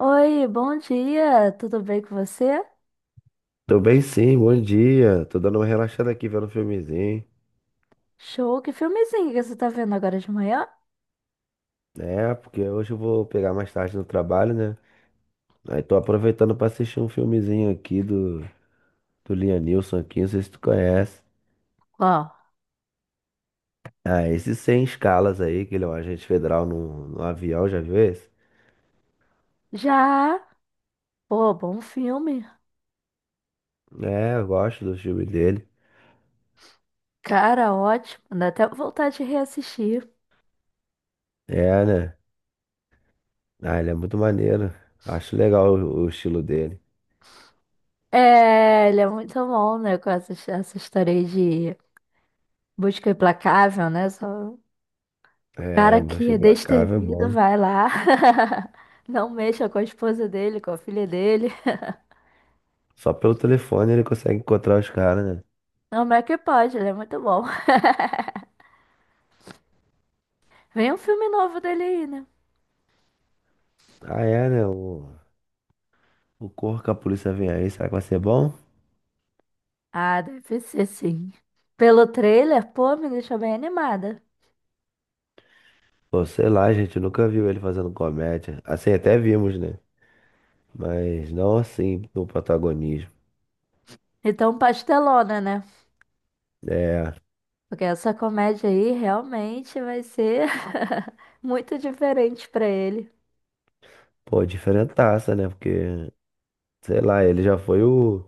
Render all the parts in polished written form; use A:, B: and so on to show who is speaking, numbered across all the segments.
A: Oi, bom dia, tudo bem com você?
B: Tô bem sim, bom dia. Tô dando uma relaxada aqui vendo um filmezinho.
A: Show, que filmezinho que você tá vendo agora de manhã?
B: É, porque hoje eu vou pegar mais tarde no trabalho, né? Aí tô aproveitando pra assistir um filmezinho aqui do Lianilson aqui, não sei se tu conhece.
A: Qual?
B: Ah, esse Sem Escalas aí, que ele é um agente federal no avião, já viu esse?
A: Já, pô, bom filme,
B: É, eu gosto do filme dele.
A: cara, ótimo, dá até vontade de reassistir.
B: É, né? Ah, ele é muito maneiro. Acho legal o estilo dele.
A: É, ele é muito bom, né, com essa história aí de busca implacável, né, só o
B: É,
A: cara que
B: Busca
A: é
B: Implacável é
A: destemido
B: bom.
A: vai lá, não mexa com a esposa dele, com a filha dele,
B: Só pelo telefone ele consegue encontrar os caras, né?
A: não, mas é que pode, ele é muito bom. Vem um filme novo dele aí, né?
B: Ah, é, né? O Corra que a Polícia Vem Aí, será que vai ser bom?
A: Ah, deve ser sim. Pelo trailer, pô, me deixou bem animada.
B: Pô, sei lá, a gente, nunca viu ele fazendo comédia. Assim, até vimos, né? Mas não assim, no protagonismo.
A: Então, pastelona, né?
B: É,
A: Porque essa comédia aí realmente vai ser muito diferente pra ele.
B: pô, diferentaça, né? Porque, sei lá, ele já foi o.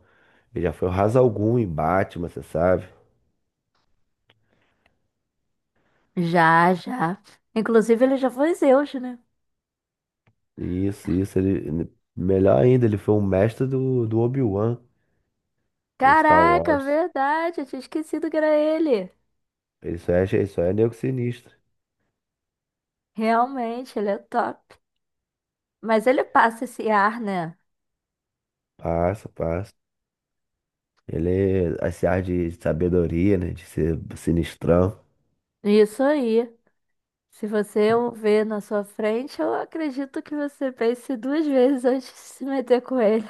B: Ele já foi o Ra's al Ghul em Batman, você sabe?
A: Já, já. Inclusive, ele já foi Zeus, né?
B: Isso, ele. Melhor ainda, ele foi o mestre do Obi-Wan em Star
A: Caraca,
B: Wars.
A: verdade, eu tinha esquecido que era ele.
B: Isso é nego sinistro.
A: Realmente, ele é top. Mas ele passa esse ar, né?
B: Passa, passa. Ele, esse ar de sabedoria, né? De ser sinistrão.
A: Isso aí. Se você o ver na sua frente, eu acredito que você pense duas vezes antes de se meter com ele.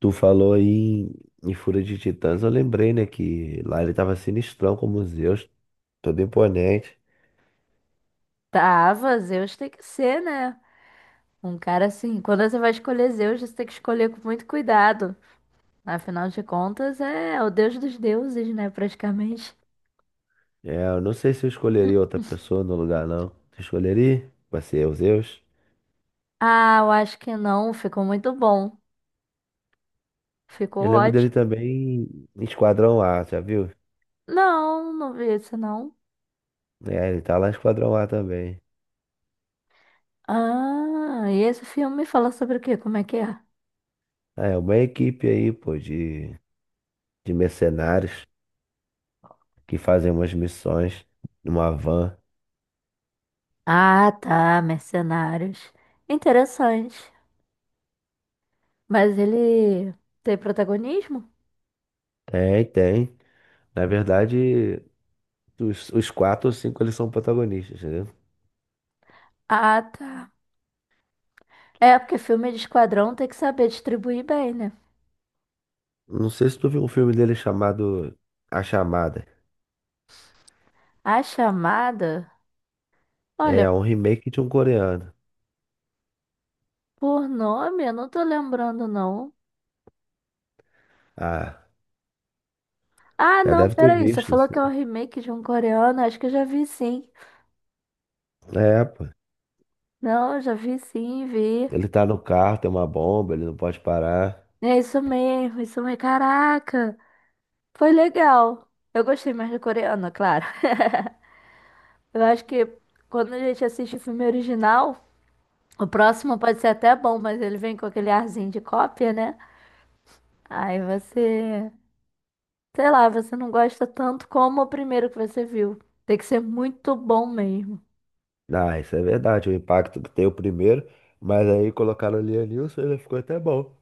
B: Tu falou aí em Fúria de Titãs, eu lembrei, né, que lá ele tava sinistrão como Zeus, todo imponente.
A: Tava, Zeus tem que ser, né? Um cara assim, quando você vai escolher Zeus, você tem que escolher com muito cuidado. Afinal de contas, é o deus dos deuses, né? Praticamente.
B: É, eu não sei se eu escolheria outra pessoa no lugar, não. Tu escolheria? Vai ser o Zeus?
A: Ah, eu acho que não. Ficou muito bom.
B: Eu
A: Ficou
B: lembro dele
A: ótimo.
B: também em Esquadrão A, já viu?
A: Não, não vi esse não.
B: É, ele tá lá em Esquadrão A também.
A: Ah, e esse filme fala sobre o quê? Como é que é?
B: Ah, é uma equipe aí, pô, de mercenários que fazem umas missões numa van.
A: Ah, tá, Mercenários. Interessante. Mas ele tem protagonismo?
B: Tem, tem. Na verdade, os quatro ou cinco eles são protagonistas, entendeu?
A: Ah, tá. É, porque filme de esquadrão tem que saber distribuir bem, né?
B: Não sei se tu viu um filme dele chamado A Chamada.
A: A chamada? Olha,
B: É um remake de um coreano.
A: por nome eu não tô lembrando, não.
B: Ah,
A: Ah,
B: já
A: não,
B: deve ter
A: peraí, você
B: visto.
A: falou que é um
B: Assim.
A: remake de um coreano? Acho que eu já vi sim.
B: É, pô.
A: Não, já vi sim, vi.
B: Ele tá no carro, tem uma bomba, ele não pode parar.
A: É isso mesmo, isso mesmo. Caraca, foi legal. Eu gostei mais do coreano, claro. Eu acho que quando a gente assiste o filme original, o próximo pode ser até bom, mas ele vem com aquele arzinho de cópia, né? Aí você, sei lá, você não gosta tanto como o primeiro que você viu. Tem que ser muito bom mesmo.
B: Ah, isso é verdade, o impacto que tem o primeiro. Mas aí colocaram o Lianilson e ele ficou até bom.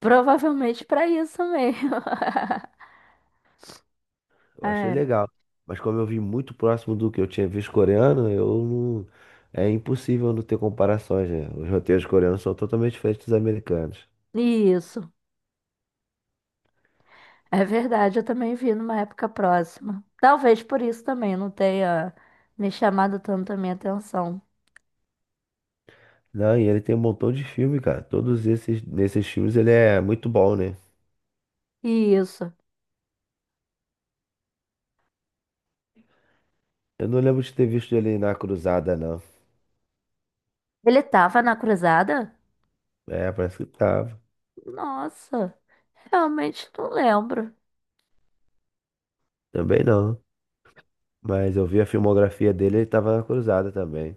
A: Provavelmente para isso mesmo.
B: Eu achei
A: É,
B: legal. Mas como eu vi muito próximo do que eu tinha visto coreano, eu não... É impossível não ter comparações, né? Os roteiros coreanos são totalmente diferentes dos americanos.
A: isso. É verdade, eu também vi numa época próxima. Talvez por isso também não tenha me chamado tanto a minha atenção.
B: Não, e ele tem um montão de filme, cara. Todos esses, nesses filmes ele é muito bom, né?
A: Isso.
B: Eu não lembro de ter visto ele na Cruzada, não.
A: Ele tava na cruzada?
B: É, parece que tava.
A: Nossa, realmente não lembro.
B: Também não. Mas eu vi a filmografia dele, ele tava na Cruzada também.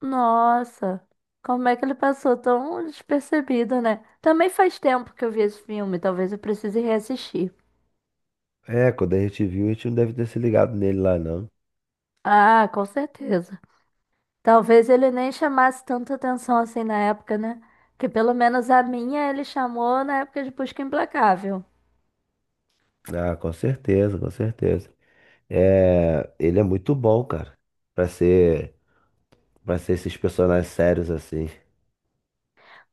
A: Nossa, como é que ele passou tão despercebido, né? Também faz tempo que eu vi esse filme, talvez eu precise reassistir.
B: É, quando a gente viu, a gente não deve ter se ligado nele lá, não.
A: Ah, com certeza. Talvez ele nem chamasse tanta atenção assim na época, né? Que pelo menos a minha ele chamou na época de Busca Implacável.
B: Ah, com certeza, com certeza. É, ele é muito bom, cara. Pra ser, pra ser esses personagens sérios assim.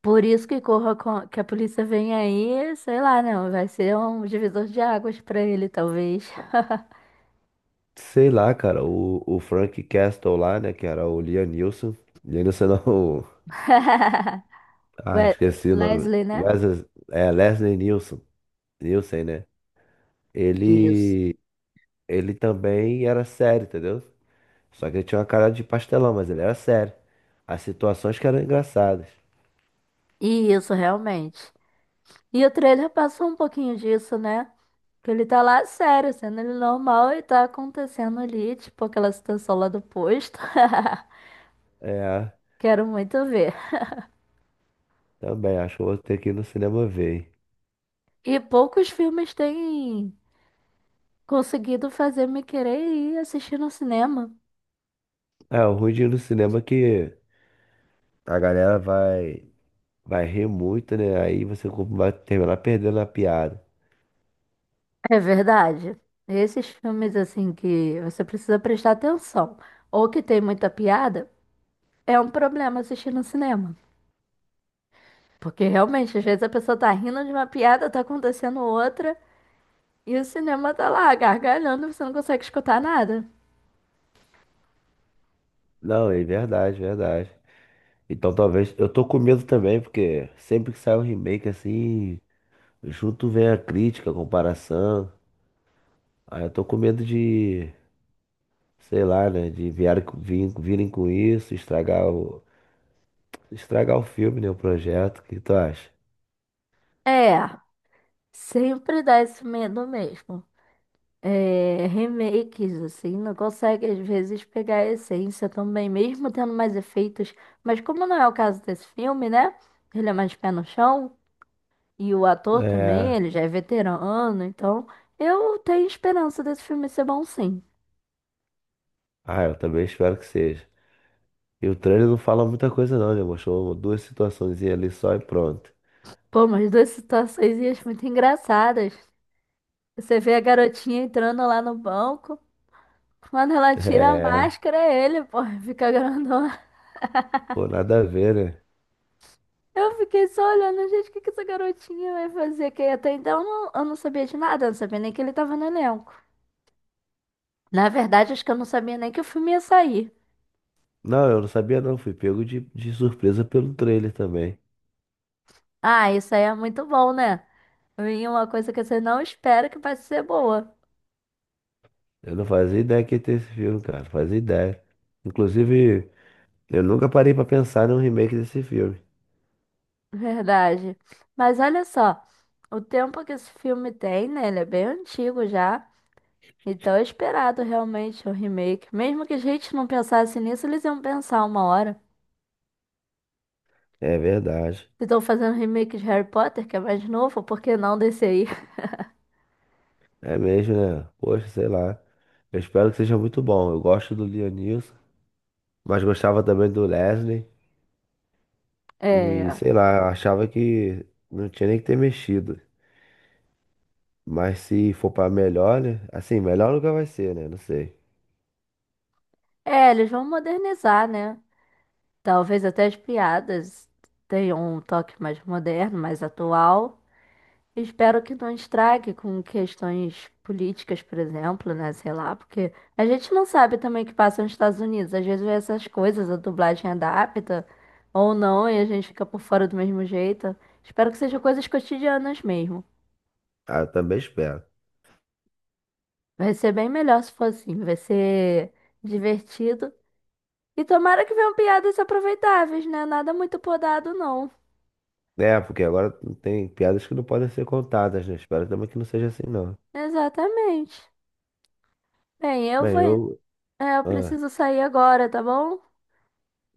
A: Por isso que que a polícia vem aí, sei lá, não, vai ser um divisor de águas pra ele, talvez.
B: Sei lá, cara, o Frank Castle lá, né, que era o Liam Neeson. Liam Neeson não, ah,
A: Ué,
B: esqueci o nome.
A: Leslie, né?
B: Wesley, é, Leslie Nielsen, Nielsen, né?
A: Isso.
B: Ele, ele também era sério, entendeu? Só que ele tinha uma cara de pastelão, mas ele era sério. As situações que eram engraçadas.
A: Isso, realmente. E o trailer passou um pouquinho disso, né? Que ele tá lá sério, sendo ele normal e tá acontecendo ali, tipo aquela situação lá do posto.
B: É,
A: Quero muito ver.
B: também, acho que eu vou ter que ir no cinema ver. Hein?
A: E poucos filmes têm conseguido fazer me querer ir assistir no cinema.
B: É, o ruim de ir no cinema é que a galera vai rir muito, né? Aí você vai terminar perdendo a piada.
A: É verdade. Esses filmes, assim, que você precisa prestar atenção, ou que tem muita piada, é um problema assistir no cinema. Porque realmente, às vezes a pessoa tá rindo de uma piada, tá acontecendo outra, e o cinema tá lá gargalhando, você não consegue escutar nada.
B: Não, é verdade, verdade. Então talvez. Eu tô com medo também, porque sempre que sai um remake assim. Junto vem a crítica, a comparação. Aí eu tô com medo de, sei lá, né? De virem com isso, estragar o filme, né? O projeto. O que tu acha?
A: É, sempre dá esse medo mesmo. É, remakes, assim, não consegue às vezes pegar a essência também, mesmo tendo mais efeitos. Mas como não é o caso desse filme, né? Ele é mais pé no chão, e o ator também,
B: É.
A: ele já é veterano, então eu tenho esperança desse filme ser bom sim.
B: Ah, eu também espero que seja. E o trailer não fala muita coisa não, né? Mostrou duas situações ali só e pronto.
A: Pô, mas duas situações e acho muito engraçadas. Você vê a garotinha entrando lá no banco, quando ela tira a
B: É.
A: máscara, é ele, pô, fica grandão.
B: Pô, nada a ver, né?
A: Eu fiquei só olhando, gente, o que que essa garotinha vai fazer? Que até então eu não sabia de nada, eu não sabia nem que ele tava no elenco. Na verdade, acho que eu não sabia nem que o filme ia sair.
B: Não, eu não sabia não. Fui pego de surpresa pelo trailer também.
A: Ah, isso aí é muito bom, né? Vem uma coisa que você não espera que vai ser boa.
B: Eu não fazia ideia que ia ter esse filme, cara. Não fazia ideia. Inclusive. Eu nunca parei pra pensar num remake desse filme.
A: Verdade. Mas olha só, o tempo que esse filme tem, né? Ele é bem antigo já. Então é esperado realmente o remake. Mesmo que a gente não pensasse nisso, eles iam pensar uma hora.
B: É verdade.
A: Se estão fazendo remake de Harry Potter, que é mais novo, por que não desse aí?
B: É mesmo, né? Poxa, sei lá. Eu espero que seja muito bom. Eu gosto do Leonilson, mas gostava também do Leslie. E
A: É,
B: sei lá, eu achava que não tinha nem que ter mexido. Mas se for pra melhor, né? Assim, melhor nunca vai ser, né? Não sei.
A: é, eles vão modernizar, né? Talvez até as piadas tenham um toque mais moderno, mais atual. Espero que não estrague com questões políticas, por exemplo, né? Sei lá, porque a gente não sabe também o que passa nos Estados Unidos. Às vezes essas coisas, a dublagem adapta ou não, e a gente fica por fora do mesmo jeito. Espero que sejam coisas cotidianas mesmo.
B: Ah, eu também espero.
A: Vai ser bem melhor se for assim. Vai ser divertido. E tomara que venham piadas aproveitáveis, né? Nada muito podado, não.
B: É, porque agora não tem piadas que não podem ser contadas, né? Espero também que não seja assim, não.
A: Exatamente. Bem, eu
B: Bem,
A: vou.
B: eu.
A: É, eu
B: Ah,
A: preciso sair agora, tá bom?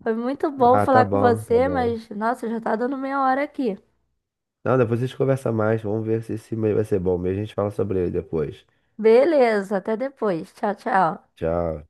A: Foi muito bom
B: tá
A: falar com
B: bom, tá
A: você,
B: bom.
A: mas nossa, já tá dando meia hora aqui.
B: Não, depois a gente conversa mais. Vamos ver se esse e-mail vai ser bom mesmo. A gente fala sobre ele depois.
A: Beleza, até depois. Tchau, tchau.
B: Tchau.